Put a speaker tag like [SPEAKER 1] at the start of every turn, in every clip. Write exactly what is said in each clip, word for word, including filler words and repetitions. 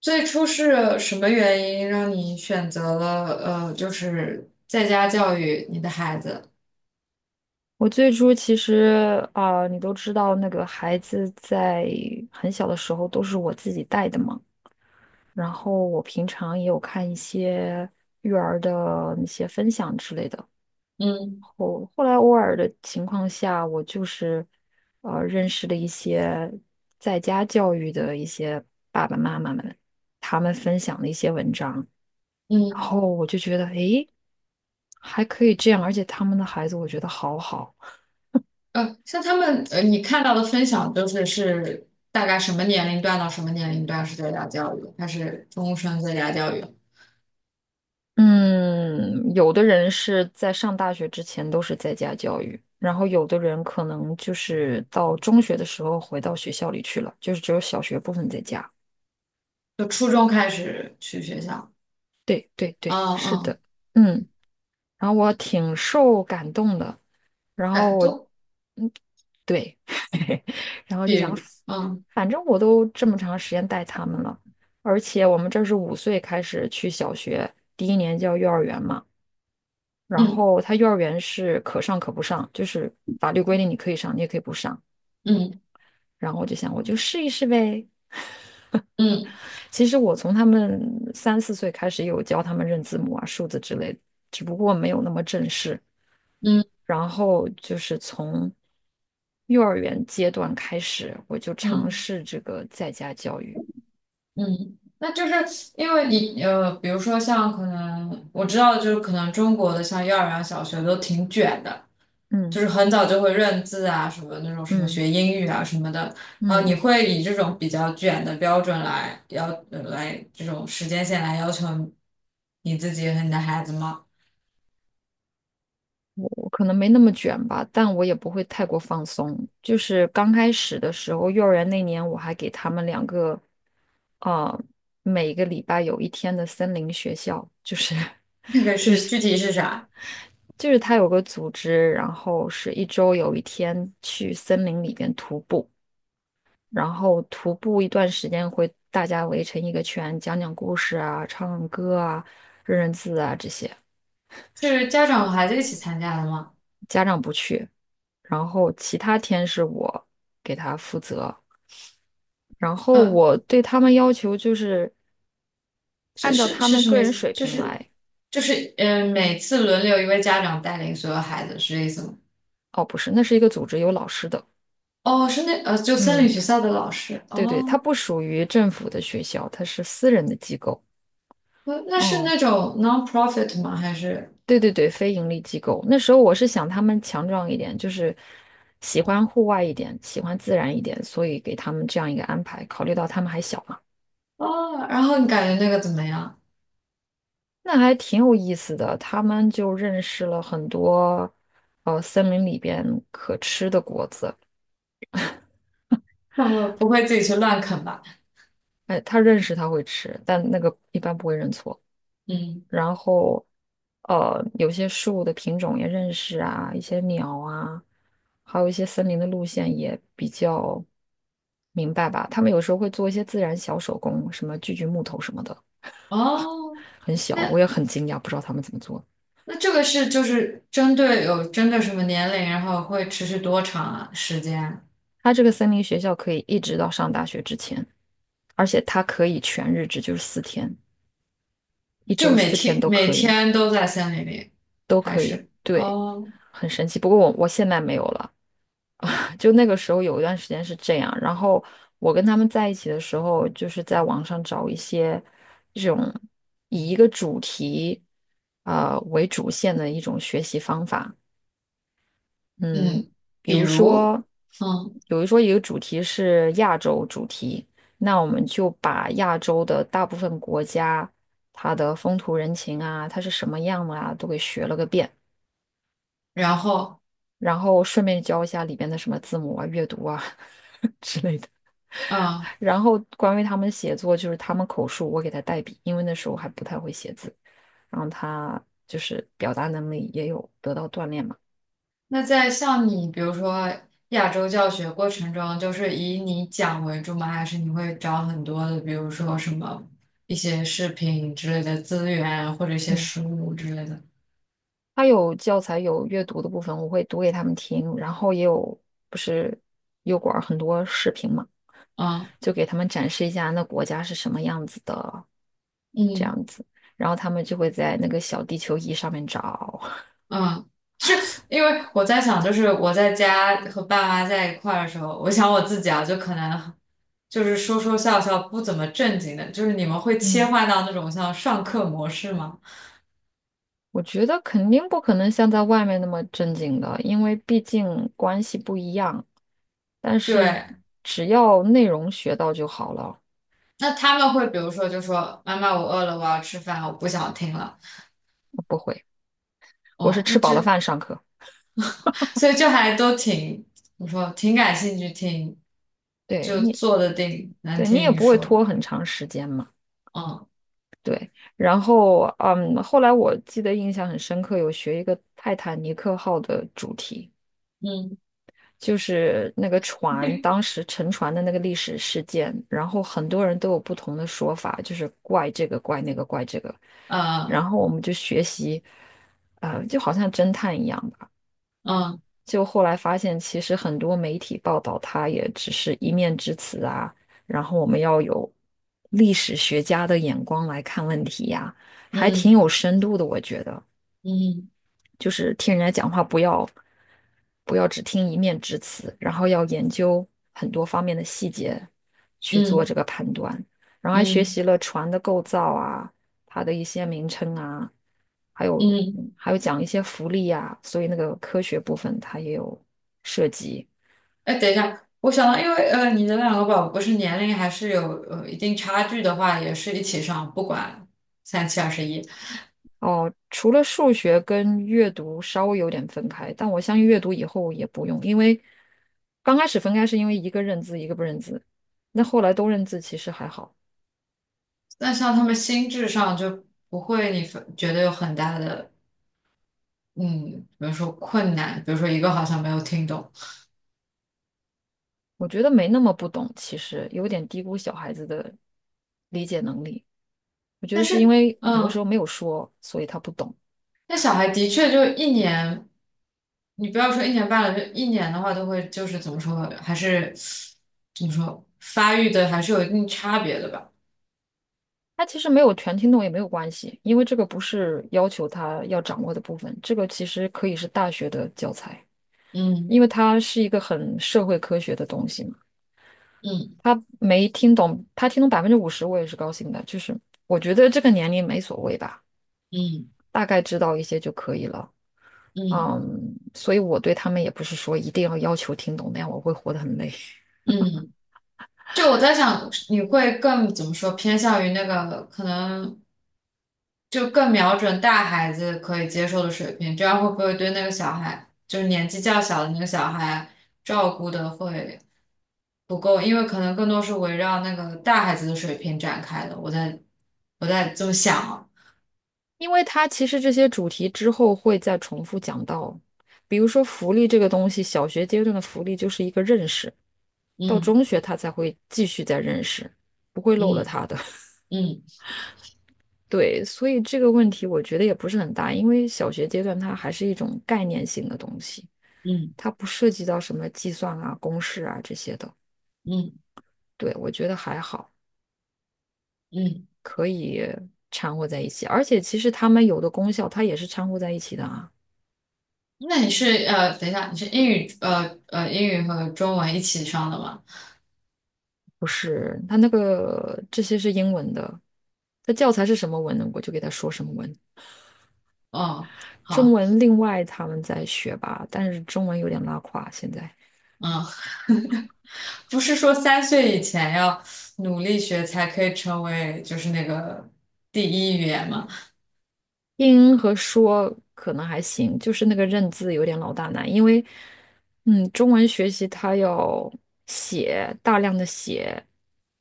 [SPEAKER 1] 最初是什么原因让你选择了呃，就是在家教育你的孩子？
[SPEAKER 2] 我最初其实啊、你都知道，那个孩子在很小的时候都是我自己带的嘛。然后我平常也有看一些育儿的那些分享之类的。
[SPEAKER 1] 嗯
[SPEAKER 2] 后后来偶尔的情况下，我就是呃认识了一些在家教育的一些爸爸妈妈们，他们分享的一些文章，然
[SPEAKER 1] 嗯，
[SPEAKER 2] 后我就觉得，诶，还可以这样，而且他们的孩子我觉得好好。
[SPEAKER 1] 呃，像他们呃，你看到的分享都是是大概什么年龄段到什么年龄段是在家教育，还是终身在家教育？
[SPEAKER 2] 嗯，有的人是在上大学之前都是在家教育，然后有的人可能就是到中学的时候回到学校里去了，就是只有小学部分在家。
[SPEAKER 1] 就初中开始去学校？
[SPEAKER 2] 对对
[SPEAKER 1] 嗯
[SPEAKER 2] 对，是
[SPEAKER 1] 嗯，
[SPEAKER 2] 的，嗯，然后我挺受感动的，然后
[SPEAKER 1] 感
[SPEAKER 2] 我，
[SPEAKER 1] 动，
[SPEAKER 2] 嗯，对，然后就
[SPEAKER 1] 比
[SPEAKER 2] 想，
[SPEAKER 1] 如嗯
[SPEAKER 2] 反正我都这么长时间带他们了，而且我们这儿是五岁开始去小学，第一年叫幼儿园嘛。然
[SPEAKER 1] 嗯
[SPEAKER 2] 后他幼儿园是可上可不上，就是法律规定你可以上，你也可以不上。
[SPEAKER 1] 嗯
[SPEAKER 2] 然后我就想，我就试一试呗。
[SPEAKER 1] 嗯
[SPEAKER 2] 其实我从他们三四岁开始有教他们认字母啊、数字之类的，只不过没有那么正式。
[SPEAKER 1] 嗯嗯。
[SPEAKER 2] 然后就是从幼儿园阶段开始，我就尝
[SPEAKER 1] 嗯
[SPEAKER 2] 试这个在家教育。
[SPEAKER 1] 嗯，那就是因为你呃，比如说像可能我知道，就是可能中国的像幼儿园、小学都挺卷的，就
[SPEAKER 2] 嗯
[SPEAKER 1] 是很早就会认字啊，什么那种什么
[SPEAKER 2] 嗯
[SPEAKER 1] 学英语啊什么的。啊。你
[SPEAKER 2] 嗯。
[SPEAKER 1] 会以这种比较卷的标准来要呃来这种时间线来要求你自己和你的孩子吗？
[SPEAKER 2] 我可能没那么卷吧，但我也不会太过放松。就是刚开始的时候，幼儿园那年我还给他们两个，呃，每个礼拜有一天的森林学校，就是
[SPEAKER 1] 那个是具体是啥？
[SPEAKER 2] 就是他有个组织，然后是一周有一天去森林里边徒步，然后徒步一段时间会大家围成一个圈，讲讲故事啊，唱唱歌啊，认认字啊这些。
[SPEAKER 1] 是家长和孩子一起参加的吗？
[SPEAKER 2] 家长不去，然后其他天是我给他负责。然后
[SPEAKER 1] 嗯。
[SPEAKER 2] 我对他们要求就是
[SPEAKER 1] 是
[SPEAKER 2] 按照
[SPEAKER 1] 是
[SPEAKER 2] 他
[SPEAKER 1] 是
[SPEAKER 2] 们
[SPEAKER 1] 什
[SPEAKER 2] 个
[SPEAKER 1] 么意
[SPEAKER 2] 人
[SPEAKER 1] 思？
[SPEAKER 2] 水
[SPEAKER 1] 就
[SPEAKER 2] 平
[SPEAKER 1] 是
[SPEAKER 2] 来。
[SPEAKER 1] 就是嗯、呃每次轮流一位家长带领所有孩子，是这意思吗？
[SPEAKER 2] 哦，不是，那是一个组织，有老师的。
[SPEAKER 1] 哦，是那呃，就森林
[SPEAKER 2] 嗯，
[SPEAKER 1] 学校的老师
[SPEAKER 2] 对对，它
[SPEAKER 1] 哦，
[SPEAKER 2] 不属于政府的学校，它是私人的机构。
[SPEAKER 1] 那那是
[SPEAKER 2] 嗯，
[SPEAKER 1] 那种 non-profit 吗？还是
[SPEAKER 2] 对对对，非盈利机构。那时候我是想他们强壮一点，就是喜欢户外一点，喜欢自然一点，所以给他们这样一个安排。考虑到他们还小嘛，
[SPEAKER 1] 哦？然后你感觉那个怎么样？
[SPEAKER 2] 那还挺有意思的。他们就认识了很多，呃，森林里边可吃的果子。
[SPEAKER 1] 那我不会自己去乱啃吧？
[SPEAKER 2] 哎，他认识他会吃，但那个一般不会认错。
[SPEAKER 1] 嗯，
[SPEAKER 2] 然后，呃，有些树的品种也认识啊，一些鸟啊，还有一些森林的路线也比较明白吧。他们有时候会做一些自然小手工，什么锯锯木头什么的，
[SPEAKER 1] 哦，
[SPEAKER 2] 很小，我
[SPEAKER 1] 那
[SPEAKER 2] 也很惊讶，不知道他们怎么做。
[SPEAKER 1] 那这个是就是针对有针对什么年龄，然后会持续多长啊时间？
[SPEAKER 2] 他这个森林学校可以一直到上大学之前，而且它可以全日制，就是四天，一
[SPEAKER 1] 就
[SPEAKER 2] 周
[SPEAKER 1] 每
[SPEAKER 2] 四天
[SPEAKER 1] 天
[SPEAKER 2] 都
[SPEAKER 1] 每
[SPEAKER 2] 可以，
[SPEAKER 1] 天都在森林里，
[SPEAKER 2] 都
[SPEAKER 1] 还
[SPEAKER 2] 可以，
[SPEAKER 1] 是
[SPEAKER 2] 对，
[SPEAKER 1] 哦？
[SPEAKER 2] 很神奇。不过我我现在没有了。就那个时候有一段时间是这样，然后我跟他们在一起的时候，就是在网上找一些这种以一个主题呃为主线的一种学习方法。嗯，
[SPEAKER 1] 嗯，
[SPEAKER 2] 比
[SPEAKER 1] 比
[SPEAKER 2] 如
[SPEAKER 1] 如，
[SPEAKER 2] 说，
[SPEAKER 1] 嗯，
[SPEAKER 2] 比如说一个主题是亚洲主题，那我们就把亚洲的大部分国家它的风土人情啊，它是什么样的啊，都给学了个遍，
[SPEAKER 1] 然后，
[SPEAKER 2] 然后顺便教一下里边的什么字母啊、阅读啊 之类的。
[SPEAKER 1] 嗯，
[SPEAKER 2] 然后关于他们写作，就是他们口述，我给他代笔，因为那时候还不太会写字。然后他就是表达能力也有得到锻炼嘛。
[SPEAKER 1] 那在像你，比如说亚洲教学过程中，就是以你讲为主吗？还是你会找很多的，比如说什么一些视频之类的资源，或者一些
[SPEAKER 2] 嗯，
[SPEAKER 1] 书之类的？
[SPEAKER 2] 他有教材有阅读的部分，我会读给他们听，然后也有不是油管儿很多视频嘛，
[SPEAKER 1] 嗯
[SPEAKER 2] 就给他们展示一下那国家是什么样子的这
[SPEAKER 1] 嗯
[SPEAKER 2] 样子，然后他们就会在那个小地球仪上面找。
[SPEAKER 1] 嗯，是因为我在想，就是我在家和爸妈在一块儿的时候，我想我自己啊，就可能就是说说笑笑，不怎么正经的，就是你们会 切
[SPEAKER 2] 嗯。
[SPEAKER 1] 换到那种像上课模式吗？
[SPEAKER 2] 我觉得肯定不可能像在外面那么正经的，因为毕竟关系不一样。但是
[SPEAKER 1] 对，
[SPEAKER 2] 只要内容学到就好了，
[SPEAKER 1] 那他们会比如说就说妈妈我饿了，我要吃饭，我不想听了。
[SPEAKER 2] 我不会，我是
[SPEAKER 1] 哦，那
[SPEAKER 2] 吃饱了
[SPEAKER 1] 这
[SPEAKER 2] 饭上课。
[SPEAKER 1] 所以就还都挺，我说挺感兴趣，听，
[SPEAKER 2] 对
[SPEAKER 1] 就
[SPEAKER 2] 你，
[SPEAKER 1] 坐得定，能
[SPEAKER 2] 对你
[SPEAKER 1] 听
[SPEAKER 2] 也
[SPEAKER 1] 你
[SPEAKER 2] 不会
[SPEAKER 1] 说。
[SPEAKER 2] 拖很长时间嘛。
[SPEAKER 1] 嗯
[SPEAKER 2] 对，然后嗯，后来我记得印象很深刻，有学一个泰坦尼克号的主题。
[SPEAKER 1] 嗯
[SPEAKER 2] 就是那个船当时沉船的那个历史事件，然后很多人都有不同的说法，就是怪这个怪那个怪这个，然
[SPEAKER 1] 呃
[SPEAKER 2] 后我们就学习，呃，就好像侦探一样吧。
[SPEAKER 1] 嗯
[SPEAKER 2] 就后来发现，其实很多媒体报道它也只是一面之词啊，然后我们要有历史学家的眼光来看问题呀，还挺
[SPEAKER 1] 嗯
[SPEAKER 2] 有深度的，我觉得。
[SPEAKER 1] 嗯
[SPEAKER 2] 就是听人家讲话不要不要只听一面之词，然后要研究很多方面的细节去做
[SPEAKER 1] 嗯
[SPEAKER 2] 这个判断，然后还学
[SPEAKER 1] 嗯
[SPEAKER 2] 习了船的构造啊，它的一些名称啊，还有
[SPEAKER 1] 嗯。
[SPEAKER 2] 嗯还有讲一些浮力啊，所以那个科学部分它也有涉及。
[SPEAKER 1] 哎，等一下，我想到，因为呃，你的两个宝宝不是年龄还是有呃一定差距的话，也是一起上，不管三七二十一。
[SPEAKER 2] 哦，除了数学跟阅读稍微有点分开，但我相信阅读以后也不用，因为刚开始分开是因为一个认字一个不认字，那后来都认字其实还好。
[SPEAKER 1] 那像他们心智上就不会你分觉得有很大的嗯，比如说困难，比如说一个好像没有听懂，
[SPEAKER 2] 我觉得没那么不懂，其实有点低估小孩子的理解能力。我觉得
[SPEAKER 1] 但
[SPEAKER 2] 是因
[SPEAKER 1] 是
[SPEAKER 2] 为很多时
[SPEAKER 1] 嗯，
[SPEAKER 2] 候没有说，所以他不懂。
[SPEAKER 1] 那小孩的确就一年，你不要说一年半了，就一年的话都会就是怎么说，还是怎么说发育的还是有一定差别的吧？
[SPEAKER 2] 他其实没有全听懂也没有关系，因为这个不是要求他要掌握的部分，这个其实可以是大学的教材，因为它是一个很社会科学的东西嘛。
[SPEAKER 1] 嗯
[SPEAKER 2] 他没听懂，他听懂百分之五十，我也是高兴的。就是我觉得这个年龄没所谓吧，
[SPEAKER 1] 嗯
[SPEAKER 2] 大概知道一些就可以了。
[SPEAKER 1] 嗯
[SPEAKER 2] 嗯，所以我对他们也不是说一定要要求听懂，那样我会活得很累。
[SPEAKER 1] 嗯嗯。嗯。就我在想，你会更怎么说，偏向于那个可能就更瞄准大孩子可以接受的水平，这样会不会对那个小孩，就是年纪较小的那个小孩，照顾的会不够？因为可能更多是围绕那个大孩子的水平展开的。我在我在这么想啊，
[SPEAKER 2] 因为它其实这些主题之后会再重复讲到，比如说福利这个东西，小学阶段的福利就是一个认识，到
[SPEAKER 1] 嗯
[SPEAKER 2] 中学他才会继续再认识，不会漏了
[SPEAKER 1] 嗯
[SPEAKER 2] 他的。
[SPEAKER 1] 嗯
[SPEAKER 2] 对，所以这个问题我觉得也不是很大，因为小学阶段它还是一种概念性的东西，
[SPEAKER 1] 嗯
[SPEAKER 2] 它不涉及到什么计算啊、公式啊这些的。
[SPEAKER 1] 嗯
[SPEAKER 2] 对，我觉得还好。
[SPEAKER 1] 嗯。
[SPEAKER 2] 可以掺和在一起，而且其实它们有的功效它也是掺和在一起的啊，
[SPEAKER 1] 那你是呃，等一下，你是英语呃呃英语和中文一起上的吗？
[SPEAKER 2] 不是？它那个这些是英文的，它教材是什么文呢？我就给它说什么文，
[SPEAKER 1] 哦，
[SPEAKER 2] 中
[SPEAKER 1] 好。
[SPEAKER 2] 文另外他们在学吧，但是中文有点拉垮现在。
[SPEAKER 1] 嗯。不是说三岁以前要努力学才可以成为就是那个第一语言嘛？
[SPEAKER 2] 听和说可能还行，就是那个认字有点老大难，因为，嗯，中文学习它要写，大量的写，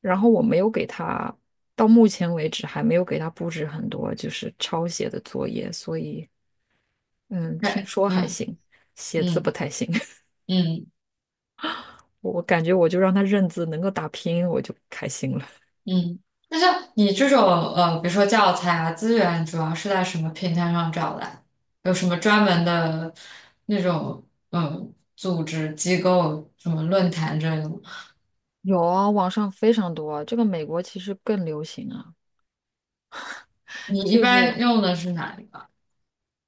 [SPEAKER 2] 然后我没有给他，到目前为止还没有给他布置很多就是抄写的作业，所以，嗯，听
[SPEAKER 1] 对，
[SPEAKER 2] 说还
[SPEAKER 1] 嗯
[SPEAKER 2] 行，写字不
[SPEAKER 1] 嗯
[SPEAKER 2] 太行，
[SPEAKER 1] 嗯嗯。
[SPEAKER 2] 我感觉我就让他认字，能够打拼音我就开心了。
[SPEAKER 1] 嗯。那像你这种呃，比如说教材啊资源，主要是在什么平台上找的？有什么专门的那种嗯组织机构、什么论坛之类的吗？
[SPEAKER 2] 有啊，网上非常多啊这个美国其实更流行啊，
[SPEAKER 1] 你一
[SPEAKER 2] 就是。
[SPEAKER 1] 般用的是哪一个？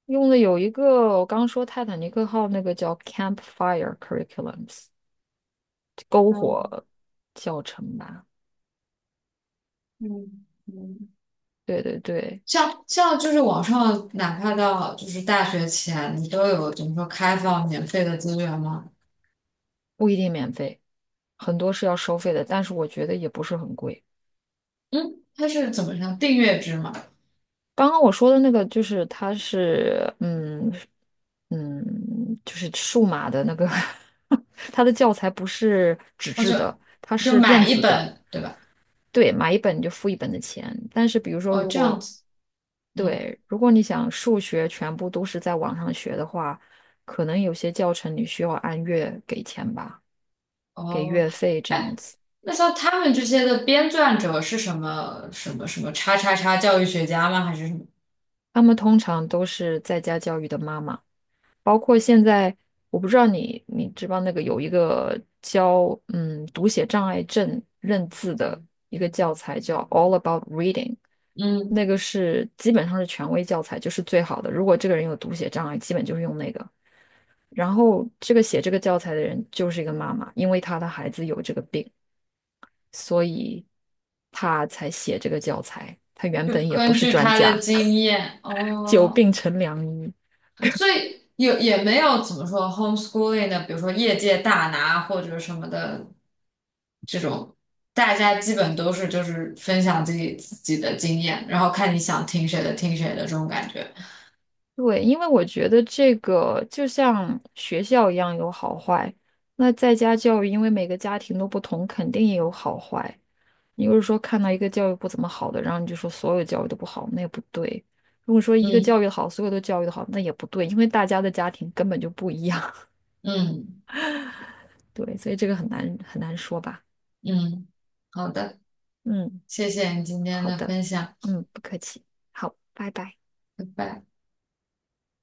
[SPEAKER 2] 用的有一个我刚说泰坦尼克号那个叫 Campfire Curriculums
[SPEAKER 1] 嗯
[SPEAKER 2] 呃教程吧，
[SPEAKER 1] 嗯嗯。
[SPEAKER 2] 对对对，
[SPEAKER 1] 像像就是网上，哪怕到就是大学前，你都有怎么说开放免费的资源吗？
[SPEAKER 2] 不一定免费，很多是要收费的，但是我觉得也不是很贵。
[SPEAKER 1] 嗯，它是怎么样订阅制嘛？
[SPEAKER 2] 刚刚我说的那个就是它是嗯嗯就是数码的那个 它的教材不是纸
[SPEAKER 1] 哦，
[SPEAKER 2] 质
[SPEAKER 1] 就
[SPEAKER 2] 的，它
[SPEAKER 1] 就
[SPEAKER 2] 是电
[SPEAKER 1] 买一
[SPEAKER 2] 子的，
[SPEAKER 1] 本，对吧？
[SPEAKER 2] 对，买一本就付一本的钱。但是比如说
[SPEAKER 1] 哦，
[SPEAKER 2] 如
[SPEAKER 1] 这样
[SPEAKER 2] 果
[SPEAKER 1] 子，嗯，
[SPEAKER 2] 对，如果你想数学全部都是在网上学的话，可能有些教程你需要按月给钱吧，给
[SPEAKER 1] 哦，
[SPEAKER 2] 月费这样
[SPEAKER 1] 哎，
[SPEAKER 2] 子。
[SPEAKER 1] 那像他们这些的编撰者是什么什么什么叉叉叉教育学家吗？还是什么？
[SPEAKER 2] 他们通常都是在家教育的妈妈，包括现在，我不知道你你知不知道那个有一个教嗯读写障碍症认字的一个教材叫《All About Reading》，那
[SPEAKER 1] 嗯，
[SPEAKER 2] 个是基本上是权威教材，就是最好的。如果这个人有读写障碍，基本就是用那个。然后这个写这个教材的人就是一个妈妈，因为她的孩子有这个病，所以她才写这个教材。她原
[SPEAKER 1] 就
[SPEAKER 2] 本也不
[SPEAKER 1] 根
[SPEAKER 2] 是
[SPEAKER 1] 据
[SPEAKER 2] 专
[SPEAKER 1] 他
[SPEAKER 2] 家，
[SPEAKER 1] 的经验，
[SPEAKER 2] 久
[SPEAKER 1] 哦，
[SPEAKER 2] 病成良医。
[SPEAKER 1] 所以也也没有怎么说 homeschooling 的，比如说业界大拿或者什么的这种，大家基本都是就是分享自己自己的经验，然后看你想听谁的听谁的这种感觉。
[SPEAKER 2] 对，因为我觉得这个就像学校一样有好坏，那在家教育，因为每个家庭都不同，肯定也有好坏。你如果说看到一个教育不怎么好的，然后你就说所有教育都不好，那也不对。如果说一个
[SPEAKER 1] 嗯
[SPEAKER 2] 教育好，所有都教育的好，那也不对，因为大家的家庭根本就不一样。
[SPEAKER 1] 嗯
[SPEAKER 2] 对，所以这个很难很难说吧。
[SPEAKER 1] 嗯，好的，
[SPEAKER 2] 嗯，
[SPEAKER 1] 谢谢你今天
[SPEAKER 2] 好
[SPEAKER 1] 的
[SPEAKER 2] 的，
[SPEAKER 1] 分享，
[SPEAKER 2] 嗯，不客气，好，拜拜。
[SPEAKER 1] 拜拜。